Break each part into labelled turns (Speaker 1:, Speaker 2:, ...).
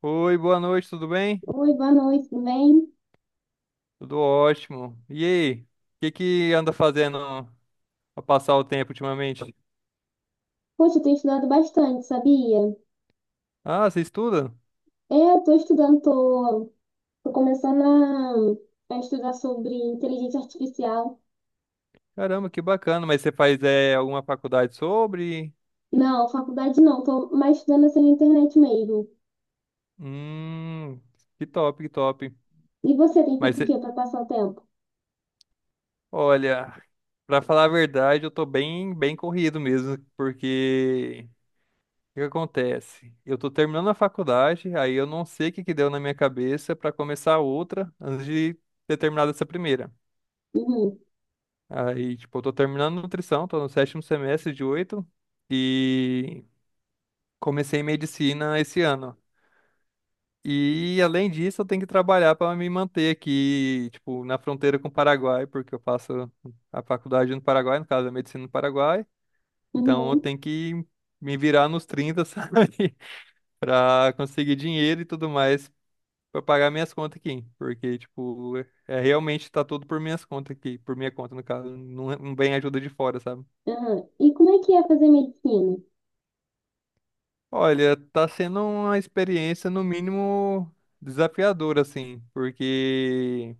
Speaker 1: Oi, boa noite, tudo bem?
Speaker 2: Oi, boa noite, tudo bem?
Speaker 1: Tudo ótimo. E aí, o que que anda fazendo pra passar o tempo ultimamente?
Speaker 2: Poxa, eu tenho estudado bastante, sabia?
Speaker 1: Ah, você estuda?
Speaker 2: Eu tô estudando, tô começando a estudar sobre inteligência artificial.
Speaker 1: Caramba, que bacana. Mas você faz alguma faculdade sobre?
Speaker 2: Não, faculdade não, tô mais estudando assim na internet mesmo.
Speaker 1: Hum, que top, que top.
Speaker 2: E você tem
Speaker 1: Mas
Speaker 2: feito o quê
Speaker 1: você,
Speaker 2: para passar o tempo?
Speaker 1: olha, pra falar a verdade, eu tô bem, bem corrido mesmo, porque o que que acontece? Eu tô terminando a faculdade, aí eu não sei o que que deu na minha cabeça pra começar outra antes de ter terminado essa primeira.
Speaker 2: Uhum,
Speaker 1: Aí, tipo, eu tô terminando nutrição, tô no sétimo semestre de oito e comecei medicina esse ano. E além disso, eu tenho que trabalhar para me manter aqui, tipo, na fronteira com o Paraguai, porque eu faço a faculdade no Paraguai, no caso, a medicina no Paraguai. Então, eu
Speaker 2: uhum.
Speaker 1: tenho que me virar nos 30 sabe? Para conseguir dinheiro e tudo mais para pagar minhas contas aqui, porque tipo, realmente tá tudo por minhas contas aqui, por minha conta no caso, não, não vem ajuda de fora, sabe?
Speaker 2: Aham. E como é que é fazer medicina?
Speaker 1: Olha, tá sendo uma experiência no mínimo desafiadora, assim, porque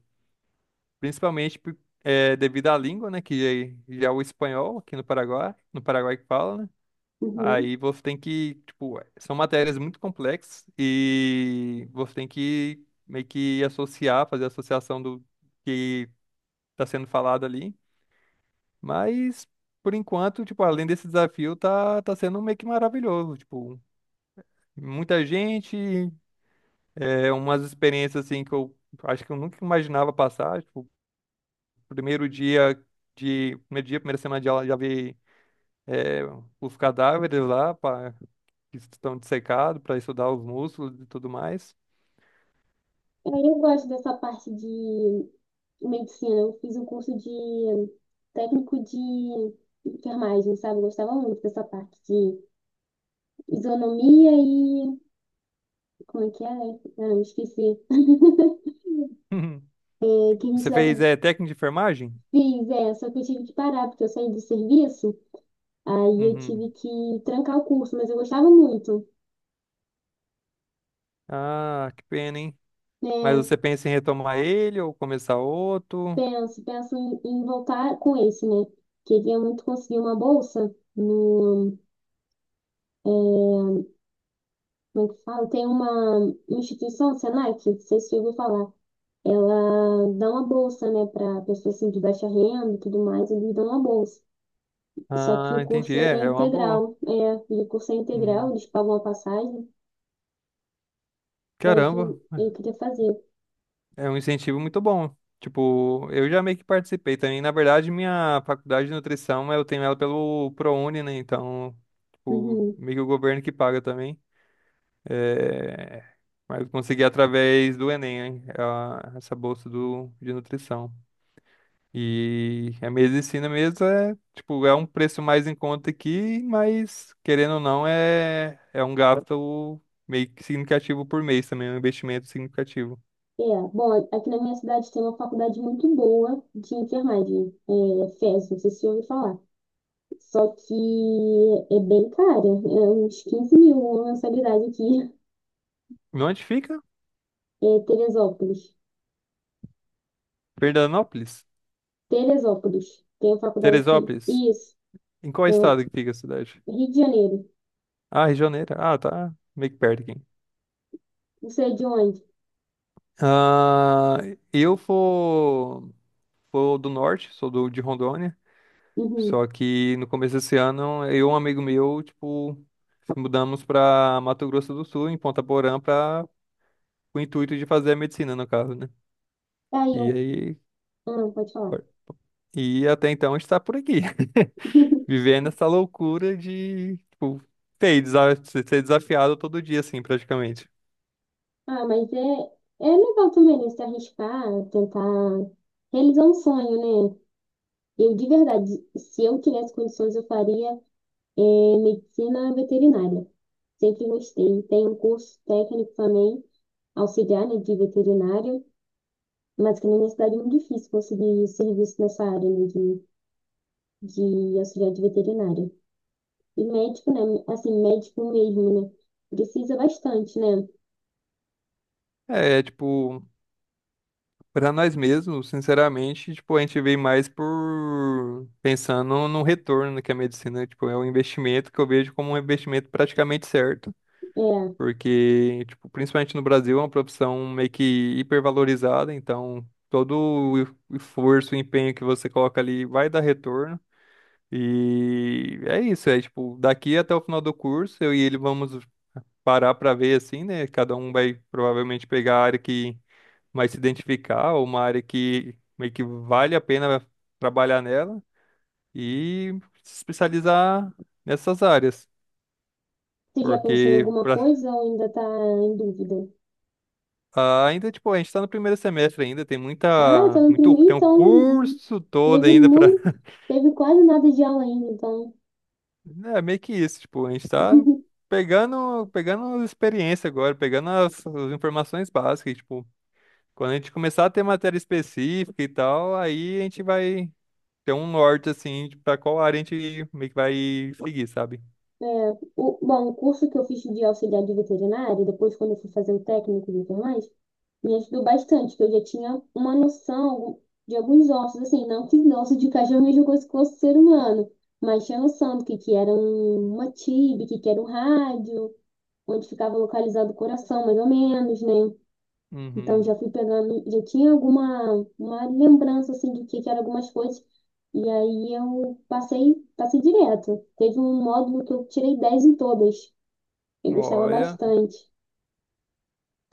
Speaker 1: principalmente por- é, devido à língua, né, que já é o espanhol aqui no Paraguai, no Paraguai que fala, né?
Speaker 2: Uhum.
Speaker 1: Aí você tem que, tipo, é, são matérias muito complexas e você tem que meio que associar, fazer associação do que tá sendo falado ali. Mas por enquanto, tipo, além desse desafio, tá sendo meio que maravilhoso, tipo, muita gente. É umas experiências assim que eu acho que eu nunca imaginava passar. Tipo, primeiro dia Primeiro dia, primeira semana de aula, já vi é, os cadáveres lá pra, que estão dissecados para estudar os músculos e tudo mais.
Speaker 2: É, eu gosto dessa parte de medicina. Eu fiz um curso de técnico de enfermagem, sabe? Eu gostava muito dessa parte de isonomia e. Como é que é? Não, esqueci. É, que a gente
Speaker 1: Você fez
Speaker 2: tava-
Speaker 1: técnica de enfermagem?
Speaker 2: Fiz, é, só que eu tive que parar, porque eu saí do serviço, aí eu
Speaker 1: Uhum.
Speaker 2: tive que trancar o curso, mas eu gostava muito,
Speaker 1: Ah, que pena, hein? Mas
Speaker 2: né?
Speaker 1: você pensa em retomar ele ou começar outro?
Speaker 2: Penso, penso em voltar com esse, né? Queria muito conseguir uma bolsa no. Como é que fala? Tem uma instituição, Senac, não sei se você ouviu falar. Ela dá uma bolsa, né, para pessoas assim, de baixa renda e tudo mais, eles dão uma bolsa. Só que
Speaker 1: Ah,
Speaker 2: o
Speaker 1: entendi.
Speaker 2: curso ele é
Speaker 1: É, é uma boa.
Speaker 2: integral. É, e o curso é
Speaker 1: Uhum.
Speaker 2: integral, eles pagam a passagem. Aí que
Speaker 1: Caramba.
Speaker 2: eu queria fazer.
Speaker 1: É um incentivo muito bom. Tipo, eu já meio que participei também. Na verdade, minha faculdade de nutrição, eu tenho ela pelo ProUni, né? Então, tipo,
Speaker 2: Uhum.
Speaker 1: meio que o governo que paga também. É... Mas eu consegui através do Enem, hein? Essa bolsa do... de nutrição. E a medicina mesmo é, tipo, é um preço mais em conta aqui, mas querendo ou não, é um gasto meio que significativo por mês também, é um investimento significativo.
Speaker 2: É, bom, aqui na minha cidade tem uma faculdade muito boa de enfermagem, é, FES, não sei se você ouviu falar. Só que é bem cara, é uns 15 mil uma mensalidade aqui.
Speaker 1: E onde fica?
Speaker 2: É Teresópolis.
Speaker 1: Fernandópolis?
Speaker 2: Teresópolis. Tem a faculdade aqui.
Speaker 1: Teresópolis?
Speaker 2: Isso.
Speaker 1: Em qual
Speaker 2: Tem o
Speaker 1: estado que fica a cidade?
Speaker 2: Rio de Janeiro.
Speaker 1: Ah, Rio de Janeiro. Ah, tá meio que perto aqui.
Speaker 2: Não sei de onde.
Speaker 1: Ah, eu vou, vou do norte, sou do, de Rondônia.
Speaker 2: Uhum.
Speaker 1: Só que no começo desse ano, eu e um amigo meu, tipo, se mudamos para Mato Grosso do Sul, em Ponta Porã, para o intuito de fazer a medicina, no caso, né?
Speaker 2: Tá. Aí
Speaker 1: E
Speaker 2: eu.
Speaker 1: aí,
Speaker 2: Ah, pode falar.
Speaker 1: e até então a gente tá por aqui, vivendo essa loucura de, tipo, ser desafiado todo dia, assim, praticamente.
Speaker 2: Ah, mas é legal também, né? Se arriscar, tentar realizar um sonho, né? Eu, de verdade, se eu tivesse condições, eu faria medicina veterinária. Sempre gostei. Tem um curso técnico também, auxiliar, né, de veterinária, mas que na minha cidade é muito difícil conseguir serviço nessa área, né, de auxiliar de veterinária. E médico, né? Assim, médico mesmo, né? Precisa bastante, né?
Speaker 1: É, é, tipo, pra nós mesmos, sinceramente, tipo, a gente vê mais por pensando no retorno que a medicina, tipo, é um investimento que eu vejo como um investimento praticamente certo,
Speaker 2: É.
Speaker 1: porque, tipo, principalmente no Brasil é uma profissão meio que hipervalorizada, então todo o esforço, o empenho que você coloca ali vai dar retorno. E é isso, é tipo, daqui até o final do curso, eu e ele vamos parar para ver assim, né? Cada um vai provavelmente pegar a área que mais se identificar, ou uma área que meio que vale a pena trabalhar nela e se especializar nessas áreas.
Speaker 2: Você já pensou em
Speaker 1: Porque
Speaker 2: alguma
Speaker 1: pra-
Speaker 2: coisa ou ainda está em dúvida?
Speaker 1: ah, ainda, tipo, a gente está no primeiro semestre ainda, tem
Speaker 2: Ah, tá
Speaker 1: muita,
Speaker 2: no
Speaker 1: muito,
Speaker 2: primeiro,
Speaker 1: tem um
Speaker 2: então
Speaker 1: curso todo
Speaker 2: teve
Speaker 1: ainda para,
Speaker 2: muito, teve quase nada de aula ainda, então.
Speaker 1: é meio que isso, tipo, a gente está pegando, pegando as experiências agora, pegando as, as informações básicas, tipo, quando a gente começar a ter matéria específica e tal, aí a gente vai ter um norte, assim, de pra qual área a gente meio que vai seguir, sabe?
Speaker 2: É, bom, o curso que eu fiz de auxiliar de veterinário, depois quando eu fui fazer o técnico e tudo mais, me ajudou bastante, que eu já tinha uma noção de alguns ossos, assim, não que osso de cachorro é a mesma coisa que osso de ser humano, mas tinha noção do uma tib, que era um rádio, onde ficava localizado o coração, mais ou menos, né? Então
Speaker 1: Uhum.
Speaker 2: já fui pegando, já tinha alguma uma lembrança assim do que eram algumas coisas. E aí eu passei, passei direto. Teve um módulo que eu tirei 10 em todas. Eu gostava
Speaker 1: Olha.
Speaker 2: bastante.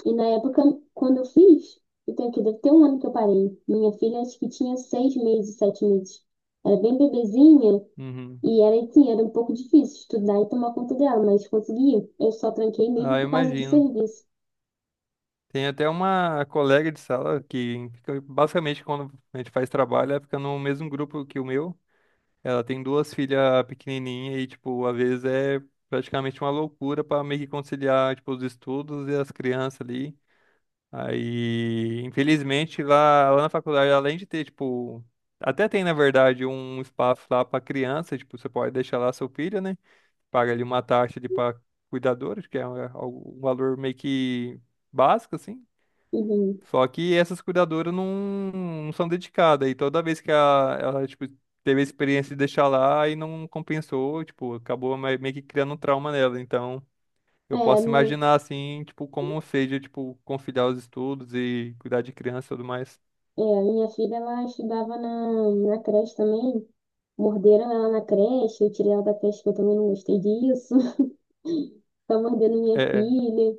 Speaker 2: E na época, quando eu fiz, eu tenho que deve ter um ano que eu parei. Minha filha acho que tinha seis meses, sete meses. Era bem bebezinha
Speaker 1: Uhum.
Speaker 2: e era assim, era um pouco difícil estudar e tomar conta dela, mas consegui. Eu só tranquei
Speaker 1: Ah,
Speaker 2: mesmo
Speaker 1: eu
Speaker 2: por causa do
Speaker 1: imagino.
Speaker 2: serviço.
Speaker 1: Tem até uma colega de sala que fica, basicamente, quando a gente faz trabalho, ela fica no mesmo grupo que o meu. Ela tem duas filhas pequenininhas e, tipo, às vezes é praticamente uma loucura pra meio que conciliar, tipo, os estudos e as crianças ali. Aí, infelizmente, lá na faculdade, além de ter, tipo, até tem, na verdade, um espaço lá para criança, tipo, você pode deixar lá seu filho, né? Paga ali uma taxa ali para cuidadores, que é um valor meio que básico, assim.
Speaker 2: Uhum.
Speaker 1: Só que essas cuidadoras não são dedicadas. E toda vez ela, tipo, teve a experiência de deixar lá e não compensou, tipo, meio que criando um trauma nela. Então.
Speaker 2: É,
Speaker 1: Eu
Speaker 2: a
Speaker 1: posso
Speaker 2: minha
Speaker 1: imaginar assim, tipo, como seja, tipo, conciliar os estudos e cuidar de criança e tudo mais.
Speaker 2: É, a minha filha, ela estudava na creche também. Morderam ela na creche, eu tirei ela da creche, que eu também não gostei disso. Tá mordendo minha
Speaker 1: É,
Speaker 2: filha.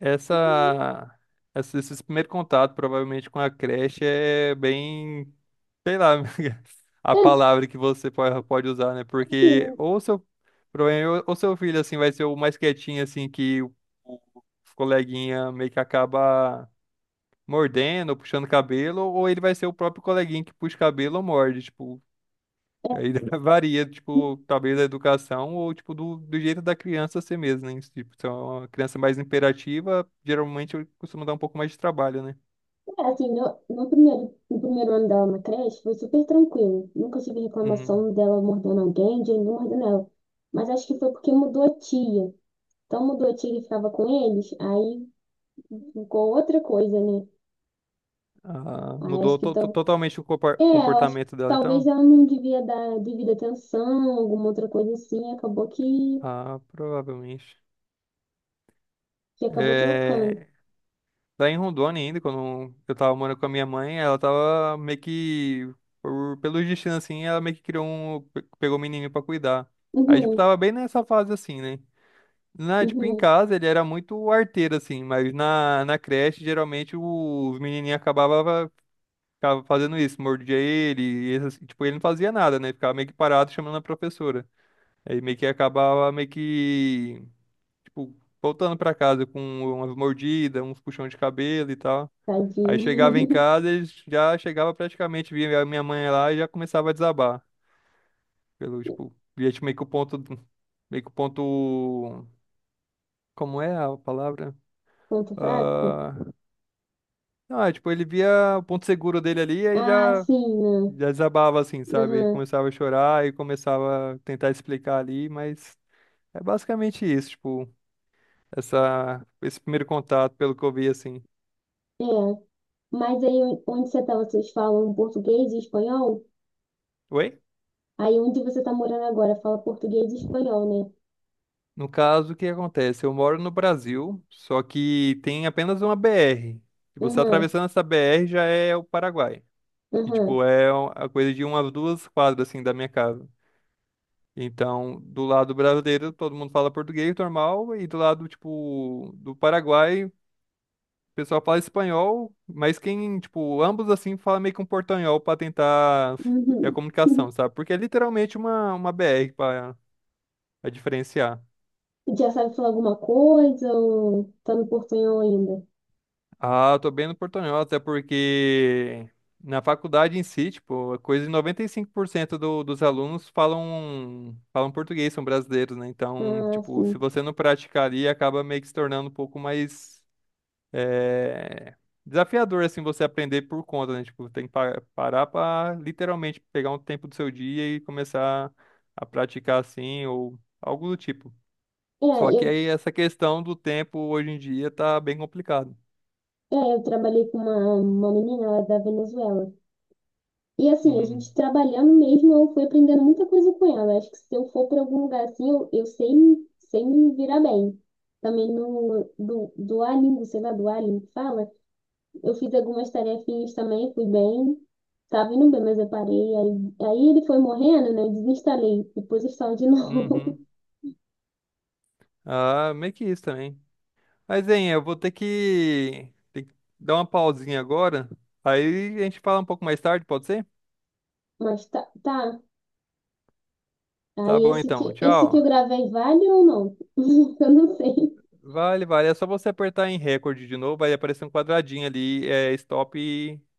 Speaker 1: essa, esse primeiro contato, provavelmente, com a creche é bem, sei lá, a
Speaker 2: É,
Speaker 1: palavra que pode usar, né?
Speaker 2: assim,
Speaker 1: Provavelmente, ou seu filho, assim, vai ser o mais quietinho, assim, o coleguinha meio que acaba mordendo, ou puxando cabelo, ou ele vai ser o próprio coleguinha que puxa cabelo ou morde, tipo. Aí varia, tipo, talvez da educação ou, tipo, do jeito da criança ser mesmo, né? Tipo, se é uma criança mais imperativa, geralmente costuma dar um pouco mais de trabalho, né?
Speaker 2: é, assim, no primeiro, no primeiro ano dela na creche, foi super tranquilo. Nunca tive
Speaker 1: Uhum.
Speaker 2: reclamação dela mordendo alguém, de ninguém mordendo ela. Mas acho que foi porque mudou a tia. Então mudou a tia que ficava com eles, aí ficou outra coisa, né?
Speaker 1: Ah,
Speaker 2: Aí acho que
Speaker 1: totalmente o
Speaker 2: É, eu acho que
Speaker 1: comportamento dela,
Speaker 2: talvez
Speaker 1: então?
Speaker 2: ela não devia dar devida atenção, alguma outra coisa assim, acabou
Speaker 1: Ah, provavelmente.
Speaker 2: que acabou trocando.
Speaker 1: É... Lá em Rondônia ainda, quando eu tava morando com a minha mãe, ela tava meio que, por, pelo destino assim, ela meio que pegou um menininho pra cuidar. Aí, tipo,
Speaker 2: Uhum.
Speaker 1: tava bem nessa fase assim, né? Na, tipo, em
Speaker 2: uhum,
Speaker 1: casa ele era muito arteiro, assim, mas na, na creche, geralmente, os menininhos acabavam ficava fazendo isso, mordia ele, e tipo, ele não fazia nada, né? Ficava meio que parado chamando a professora. Aí meio que acabava meio que, tipo, voltando pra casa com umas mordidas, uns puxões de cabelo e tal. Aí
Speaker 2: tadinho.
Speaker 1: chegava em casa, ele já chegava praticamente, via a minha mãe lá e já começava a desabar. Pelo, tipo, via tipo, meio que o ponto, meio que o ponto, como é a palavra?
Speaker 2: Ponto fraco?
Speaker 1: Ah, Ah, tipo, ele via o ponto seguro dele ali e aí
Speaker 2: Ah,
Speaker 1: já,
Speaker 2: sim, né?
Speaker 1: já desabava, assim, sabe? E
Speaker 2: Aham,
Speaker 1: começava a chorar e começava a tentar explicar ali, mas é basicamente isso, tipo, esse primeiro contato, pelo que eu vi, assim.
Speaker 2: é. Mas aí onde você tá, vocês falam português e espanhol?
Speaker 1: Oi?
Speaker 2: Aí onde você tá morando agora, fala português e espanhol, né?
Speaker 1: No caso, o que acontece? Eu moro no Brasil, só que tem apenas uma BR. E você
Speaker 2: Aham,
Speaker 1: atravessando essa BR já é o Paraguai. E,
Speaker 2: aham.
Speaker 1: tipo, é uma- a coisa de umas duas quadras, assim, da minha casa. Então, do lado brasileiro, todo mundo fala português normal, e do lado, tipo, do Paraguai, o pessoal fala espanhol, mas quem, tipo, ambos assim fala meio que um portanhol pra tentar ter a
Speaker 2: Uhum.
Speaker 1: comunicação, sabe? Porque é literalmente uma BR pra diferenciar.
Speaker 2: Já sabe falar alguma coisa ou tá no portunhol ainda?
Speaker 1: Ah, eu tô bem no portanhol, até porque na faculdade em si, tipo, é coisa de 95% do, dos alunos falam, falam português, são brasileiros, né? Então,
Speaker 2: Ah,
Speaker 1: tipo, se
Speaker 2: sim.
Speaker 1: você não praticar ali, acaba meio que se tornando um pouco mais é desafiador, assim, você aprender por conta, né? Tipo, tem que parar pra literalmente pegar um tempo do seu dia e começar a praticar assim, ou algo do tipo.
Speaker 2: É,
Speaker 1: Só que
Speaker 2: eu
Speaker 1: aí essa questão do tempo hoje em dia tá bem complicado.
Speaker 2: É, eu trabalhei com uma menina ela é da Venezuela. E assim, a
Speaker 1: Uhum.
Speaker 2: gente trabalhando mesmo, eu fui aprendendo muita coisa com ela. Acho que se eu for para algum lugar assim, eu sei, sei me virar bem. Também no, do, do Alien, sei lá, do Alien que fala, eu fiz algumas tarefinhas também, fui bem, tava indo bem, mas eu parei. Aí ele foi morrendo, né? Eu desinstalei, depois eu instalo de novo.
Speaker 1: Uhum. Ah, meio que isso também. Mas, hein, eu vou ter que dar uma pausinha agora. Aí a gente fala um pouco mais tarde, pode ser?
Speaker 2: Mas tá, tá.
Speaker 1: Tá
Speaker 2: Aí
Speaker 1: bom então,
Speaker 2: esse que eu
Speaker 1: tchau.
Speaker 2: gravei vale ou não? Eu não sei.
Speaker 1: Vale, vale. É só você apertar em recorde de novo, vai aparecer um quadradinho ali, é, stop e